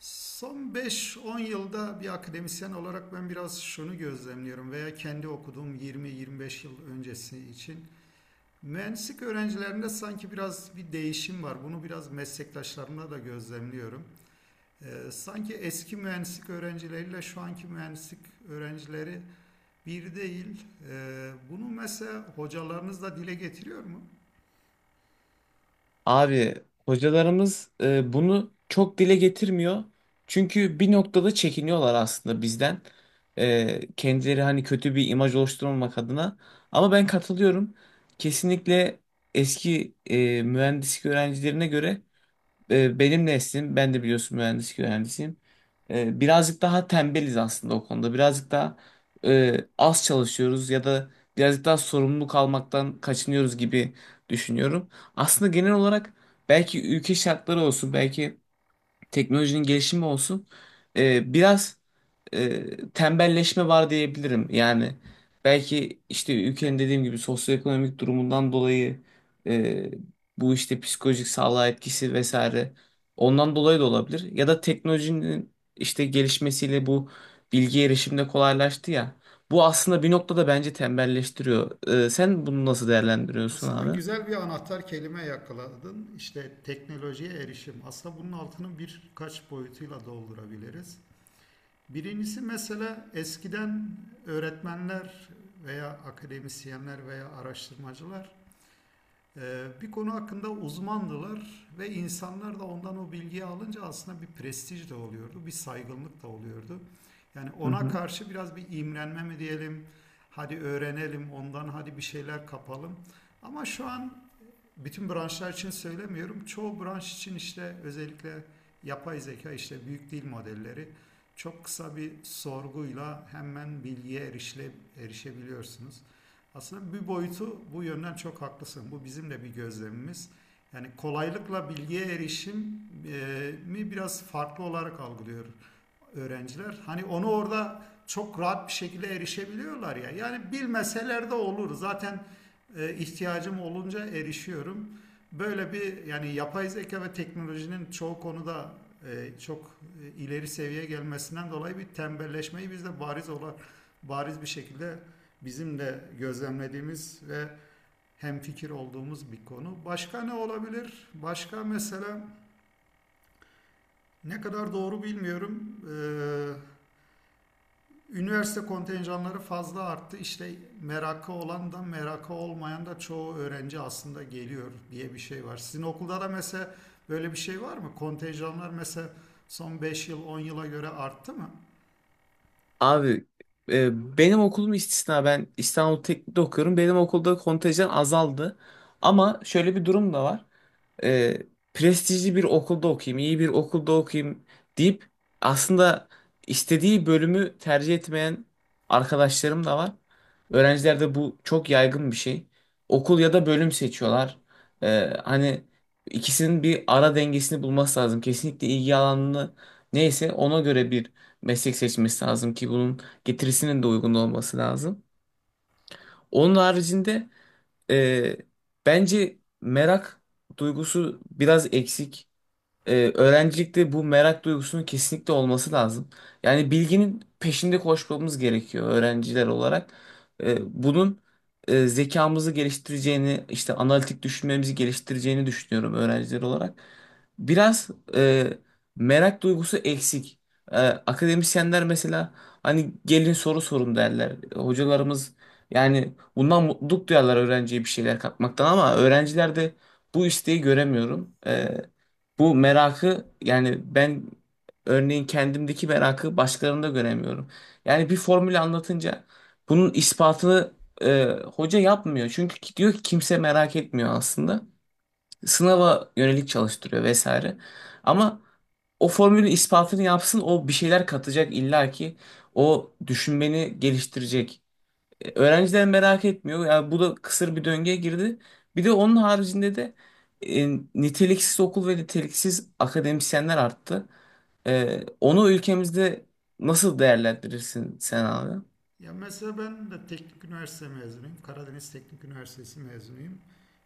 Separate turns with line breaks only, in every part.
Son 5-10 yılda bir akademisyen olarak ben biraz şunu gözlemliyorum veya kendi okuduğum 20-25 yıl öncesi için mühendislik öğrencilerinde sanki biraz bir değişim var. Bunu biraz meslektaşlarımla da gözlemliyorum. Sanki eski mühendislik öğrencileriyle şu anki mühendislik öğrencileri bir değil. Bunu mesela hocalarınız da dile getiriyor mu?
Abi hocalarımız bunu çok dile getirmiyor. Çünkü bir noktada çekiniyorlar aslında bizden. Kendileri hani kötü bir imaj oluşturmamak adına. Ama ben katılıyorum. Kesinlikle eski mühendislik öğrencilerine göre benim neslim, ben de biliyorsun mühendislik öğrencisiyim. Birazcık daha tembeliz aslında o konuda. Birazcık daha az çalışıyoruz ya da birazcık daha sorumluluk almaktan kaçınıyoruz gibi düşünüyorum. Aslında genel olarak belki ülke şartları olsun, belki teknolojinin gelişimi olsun biraz tembelleşme var diyebilirim. Yani belki işte ülkenin dediğim gibi sosyoekonomik durumundan dolayı e, bu işte psikolojik sağlığa etkisi vesaire ondan dolayı da olabilir. Ya da teknolojinin işte gelişmesiyle bu bilgi erişimde kolaylaştı ya. Bu aslında bir noktada bence tembelleştiriyor. Sen bunu nasıl değerlendiriyorsun
Aslında
abi?
güzel bir anahtar kelime yakaladın. İşte teknolojiye erişim. Aslında bunun altını birkaç boyutuyla doldurabiliriz. Birincisi mesela eskiden öğretmenler veya akademisyenler veya araştırmacılar bir konu hakkında uzmandılar ve insanlar da ondan o bilgiyi alınca aslında bir prestij de oluyordu, bir saygınlık da oluyordu. Yani
Hı
ona
hı.
karşı biraz bir imrenme mi diyelim, hadi öğrenelim ondan, hadi bir şeyler kapalım. Ama şu an bütün branşlar için söylemiyorum. Çoğu branş için işte özellikle yapay zeka işte büyük dil modelleri çok kısa bir sorguyla hemen bilgiye erişebiliyorsunuz. Aslında bir boyutu bu yönden çok haklısın. Bu bizim de bir gözlemimiz. Yani kolaylıkla bilgiye erişim mi biraz farklı olarak algılıyor öğrenciler. Hani onu orada çok rahat bir şekilde erişebiliyorlar ya. Yani bilmeseler de olur. Zaten ihtiyacım olunca erişiyorum. Böyle bir yani yapay zeka ve teknolojinin çoğu konuda çok ileri seviyeye gelmesinden dolayı bir tembelleşmeyi biz de bariz bir şekilde bizim de gözlemlediğimiz ve hemfikir olduğumuz bir konu. Başka ne olabilir? Başka mesela ne kadar doğru bilmiyorum. Ee, Üniversite kontenjanları fazla arttı. İşte merakı olan da merakı olmayan da çoğu öğrenci aslında geliyor diye bir şey var. Sizin okulda da mesela böyle bir şey var mı? Kontenjanlar mesela son 5 yıl 10 yıla göre arttı mı?
Abi benim okulum istisna, ben İstanbul Teknik'te okuyorum. Benim okulda kontenjan azaldı. Ama şöyle bir durum da var. E, Prestijli bir okulda okuyayım, iyi bir okulda okuyayım deyip aslında istediği bölümü tercih etmeyen arkadaşlarım da var. Öğrencilerde bu çok yaygın bir şey. Okul ya da bölüm seçiyorlar. Hani ikisinin bir ara dengesini bulması lazım. Kesinlikle ilgi alanını neyse ona göre bir meslek seçmesi lazım ki bunun getirisinin de uygun olması lazım. Onun haricinde e, bence merak duygusu biraz eksik. Öğrencilikte bu merak duygusunun kesinlikle olması lazım. Yani bilginin peşinde koşmamız gerekiyor öğrenciler olarak. Ee, Bunun zekamızı geliştireceğini, işte analitik düşünmemizi geliştireceğini düşünüyorum öğrenciler olarak. Biraz e, merak duygusu eksik. Akademisyenler mesela hani gelin soru sorun derler. Hocalarımız yani bundan mutluluk duyarlar öğrenciye bir şeyler katmaktan, ama öğrencilerde bu isteği göremiyorum. Bu merakı yani ben örneğin kendimdeki merakı başkalarında göremiyorum. Yani bir formülü anlatınca bunun ispatını e, hoca yapmıyor. Çünkü diyor ki kimse merak etmiyor aslında. Sınava yönelik çalıştırıyor vesaire. Ama o formülün ispatını yapsın, o bir şeyler katacak illa ki, o düşünmeni geliştirecek. Öğrenciler merak etmiyor. Yani bu da kısır bir döngüye girdi. Bir de onun haricinde de e, niteliksiz okul ve niteliksiz akademisyenler arttı. Onu ülkemizde nasıl değerlendirirsin sen abi?
Ya mesela ben de teknik üniversite mezunuyum. Karadeniz Teknik Üniversitesi mezunuyum.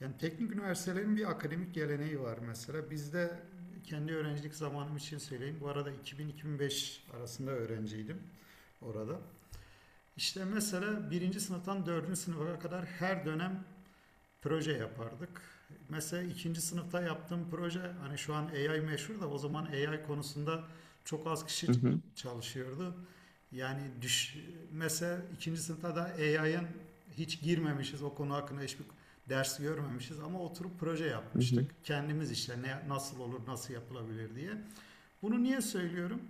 Yani teknik üniversitelerin bir akademik geleneği var mesela. Bizde kendi öğrencilik zamanım için söyleyeyim. Bu arada 2000-2005 arasında öğrenciydim orada. İşte mesela birinci sınıftan dördüncü sınıfa kadar her dönem proje yapardık. Mesela ikinci sınıfta yaptığım proje hani şu an AI meşhur da o zaman AI konusunda çok az kişi
Hı hı,
çalışıyordu. Yani mesela ikinci sınıfta da AI'ın hiç girmemişiz, o konu hakkında hiçbir ders görmemişiz ama oturup proje
hı
yapmıştık.
hı,
Kendimiz işte ne, nasıl olur, nasıl yapılabilir diye. Bunu niye söylüyorum?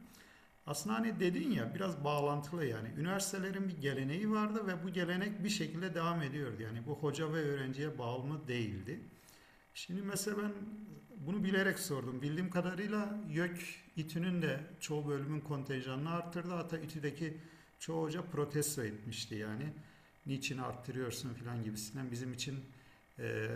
Aslında hani dedin ya biraz bağlantılı yani. Üniversitelerin bir geleneği vardı ve bu gelenek bir şekilde devam ediyordu. Yani bu hoca ve öğrenciye bağımlı değildi. Şimdi mesela ben bunu bilerek sordum. Bildiğim kadarıyla YÖK İTÜ'nün de çoğu bölümün kontenjanını arttırdı. Hatta İTÜ'deki çoğu hoca protesto etmişti yani. Niçin arttırıyorsun filan gibisinden bizim için e,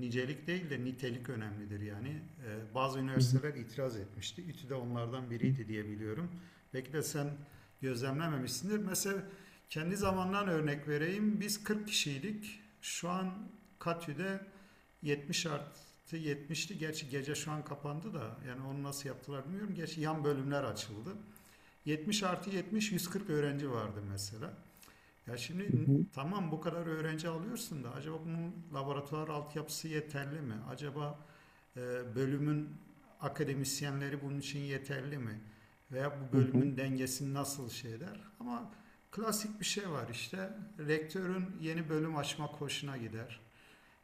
nicelik değil de nitelik önemlidir yani. E, bazı
hı hı,
üniversiteler itiraz etmişti. İTÜ de onlardan biriydi diye biliyorum. Belki de sen gözlemlememişsindir. Mesela kendi zamandan örnek vereyim. Biz 40 kişiydik. Şu an Katü'de 70 artı 70'ti. Gerçi gece şu an kapandı da yani onu nasıl yaptılar bilmiyorum. Gerçi yan bölümler açıldı. 70 artı 70 140 öğrenci vardı mesela. Ya şimdi
hı hı,
tamam bu kadar öğrenci alıyorsun da acaba bunun laboratuvar altyapısı yeterli mi? Acaba e, bölümün akademisyenleri bunun için yeterli mi? Veya bu
hı hı.
bölümün dengesini nasıl şey eder? Ama klasik bir şey var işte. Rektörün yeni bölüm açma hoşuna gider,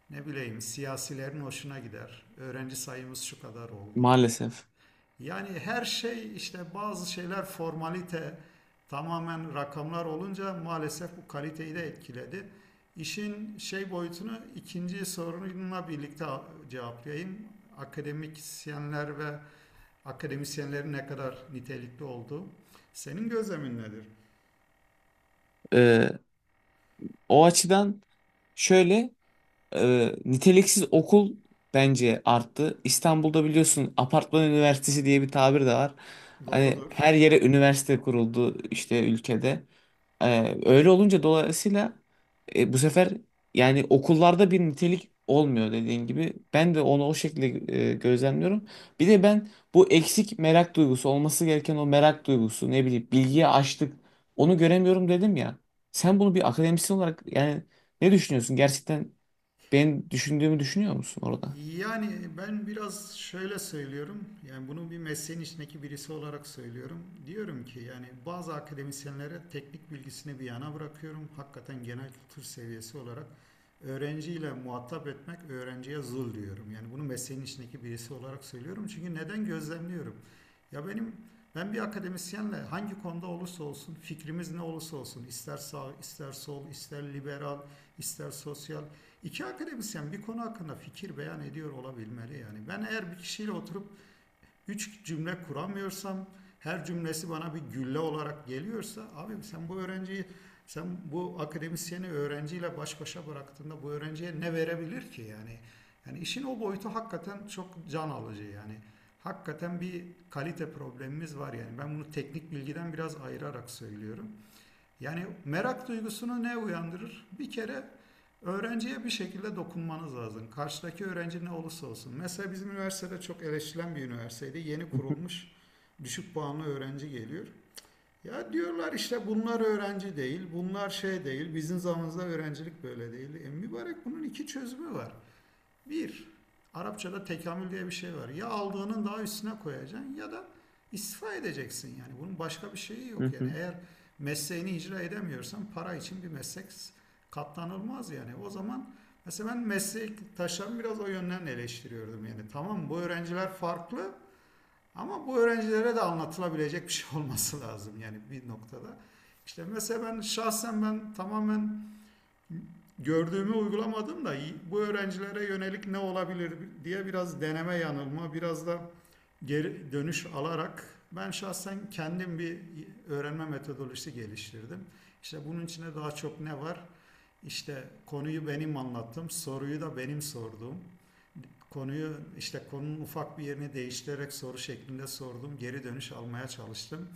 ne bileyim siyasilerin hoşuna gider. Öğrenci sayımız şu kadar oldu.
Maalesef.
Yani her şey işte bazı şeyler formalite, tamamen rakamlar olunca maalesef bu kaliteyi de etkiledi. İşin şey boyutunu ikinci sorununla birlikte cevaplayayım. Akademisyenler ve akademisyenlerin ne kadar nitelikli olduğu. Senin gözlemin nedir?
Ee, O açıdan şöyle. Niteliksiz okul bence arttı. İstanbul'da biliyorsun apartman üniversitesi diye bir tabir de var. Hani
Doğrudur.
her yere üniversite kuruldu işte ülkede. Öyle olunca dolayısıyla bu sefer yani okullarda bir nitelik olmuyor dediğin gibi. Ben de onu o şekilde gözlemliyorum. Bir de ben bu eksik merak duygusu, olması gereken o merak duygusu, ne bileyim bilgiye açlık, onu göremiyorum dedim ya. Sen bunu bir akademisyen olarak yani ne düşünüyorsun? Gerçekten ben düşündüğümü düşünüyor musun orada?
Yani ben biraz şöyle söylüyorum. Yani bunu bir mesleğin içindeki birisi olarak söylüyorum. Diyorum ki yani bazı akademisyenlere teknik bilgisini bir yana bırakıyorum. Hakikaten genel kültür seviyesi olarak öğrenciyle muhatap etmek öğrenciye zul diyorum. Yani bunu mesleğin içindeki birisi olarak söylüyorum. Çünkü neden gözlemliyorum? Ya benim ben bir akademisyenle hangi konuda olursa olsun, fikrimiz ne olursa olsun, ister sağ, ister sol, ister liberal, ister sosyal, İki akademisyen bir konu hakkında fikir beyan ediyor olabilmeli yani. Ben eğer bir kişiyle oturup üç cümle kuramıyorsam, her cümlesi bana bir gülle olarak geliyorsa, abim sen bu öğrenciyi, sen bu akademisyeni öğrenciyle baş başa bıraktığında bu öğrenciye ne verebilir ki yani? Yani işin o boyutu hakikaten çok can alıcı yani. Hakikaten bir kalite problemimiz var yani. Ben bunu teknik bilgiden biraz ayırarak söylüyorum. Yani merak duygusunu ne uyandırır? Bir kere öğrenciye bir şekilde dokunmanız lazım. Karşıdaki öğrenci ne olursa olsun. Mesela bizim üniversitede çok eleştirilen bir üniversiteydi. Yeni
Hı hı,
kurulmuş, düşük puanlı öğrenci geliyor. Ya diyorlar işte bunlar öğrenci değil, bunlar şey değil, bizim zamanımızda öğrencilik böyle değil. E mübarek, bunun iki çözümü var. Bir, Arapçada tekamül diye bir şey var. Ya aldığının daha üstüne koyacaksın ya da istifa edeceksin yani. Bunun başka bir şeyi yok
hı
yani.
hı,
Eğer mesleğini icra edemiyorsan para için bir meslek katlanılmaz yani. O zaman mesela ben meslektaşlarımı biraz o yönden eleştiriyordum yani. Tamam, bu öğrenciler farklı ama bu öğrencilere de anlatılabilecek bir şey olması lazım yani bir noktada. İşte mesela ben şahsen ben tamamen gördüğümü uygulamadım da bu öğrencilere yönelik ne olabilir diye biraz deneme yanılma, biraz da geri dönüş alarak ben şahsen kendim bir öğrenme metodolojisi geliştirdim. İşte bunun içinde daha çok ne var? İşte konuyu benim anlattım, soruyu da benim sordum. Konuyu işte konunun ufak bir yerini değiştirerek soru şeklinde sordum, geri dönüş almaya çalıştım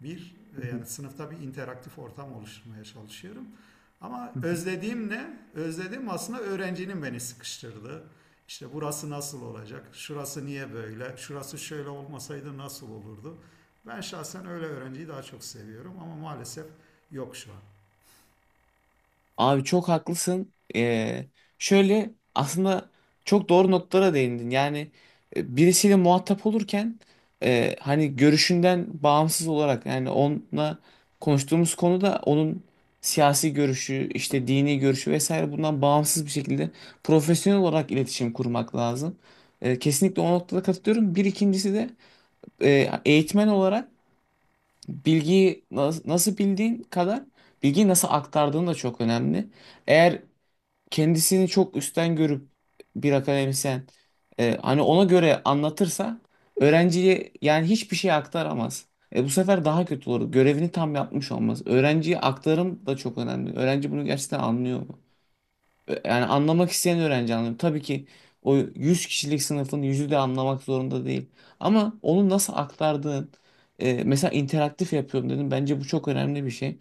bir
hı hı,
yani sınıfta bir interaktif ortam oluşturmaya çalışıyorum. Ama
hı hı.
özlediğim ne? Özlediğim aslında öğrencinin beni sıkıştırdığı. İşte burası nasıl olacak? Şurası niye böyle? Şurası şöyle olmasaydı nasıl olurdu? Ben şahsen öyle öğrenciyi daha çok seviyorum ama maalesef yok şu an.
Abi çok haklısın. Şöyle, aslında çok doğru notlara değindin. Yani birisiyle muhatap olurken hani görüşünden bağımsız olarak, yani onunla konuştuğumuz konuda onun siyasi görüşü, işte dini görüşü vesaire, bundan bağımsız bir şekilde profesyonel olarak iletişim kurmak lazım. Kesinlikle o noktada katılıyorum. Bir ikincisi de eğitmen olarak bilgiyi nasıl bildiğin kadar bilgiyi nasıl aktardığın da çok önemli. Eğer kendisini çok üstten görüp bir akademisyen hani ona göre anlatırsa öğrenciye, yani hiçbir şey aktaramaz. Bu sefer daha kötü olur. Görevini tam yapmış olmaz. Öğrenciye aktarım da çok önemli. Öğrenci bunu gerçekten anlıyor mu? Yani anlamak isteyen öğrenci anlıyor. Tabii ki o 100 kişilik sınıfın yüzü de anlamak zorunda değil. Ama onu nasıl aktardığın, mesela interaktif yapıyorum dedim. Bence bu çok önemli bir şey.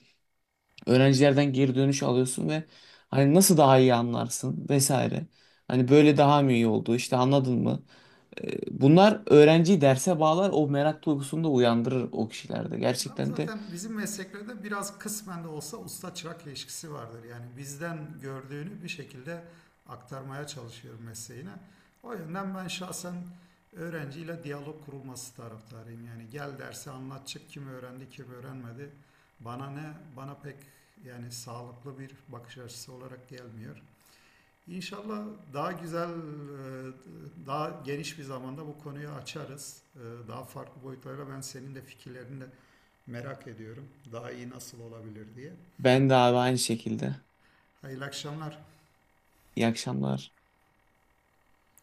Öğrencilerden geri dönüş alıyorsun ve hani nasıl daha iyi anlarsın vesaire. Hani böyle daha mı iyi oldu, işte anladın mı? Bunlar öğrenciyi derse bağlar, o merak duygusunu da uyandırır o kişilerde.
Ya
Gerçekten de
zaten bizim mesleklerde biraz kısmen de olsa usta çırak ilişkisi vardır. Yani bizden gördüğünü bir şekilde aktarmaya çalışıyorum mesleğine. O yönden ben şahsen öğrenciyle diyalog kurulması taraftarıyım. Yani gel derse anlat çık, kim öğrendi kim öğrenmedi, bana ne, bana pek yani sağlıklı bir bakış açısı olarak gelmiyor. İnşallah daha güzel, daha geniş bir zamanda bu konuyu açarız. Daha farklı boyutlarla ben senin de fikirlerini de merak ediyorum. Daha iyi nasıl olabilir diye.
ben de abi aynı şekilde.
Hayırlı akşamlar.
İyi akşamlar.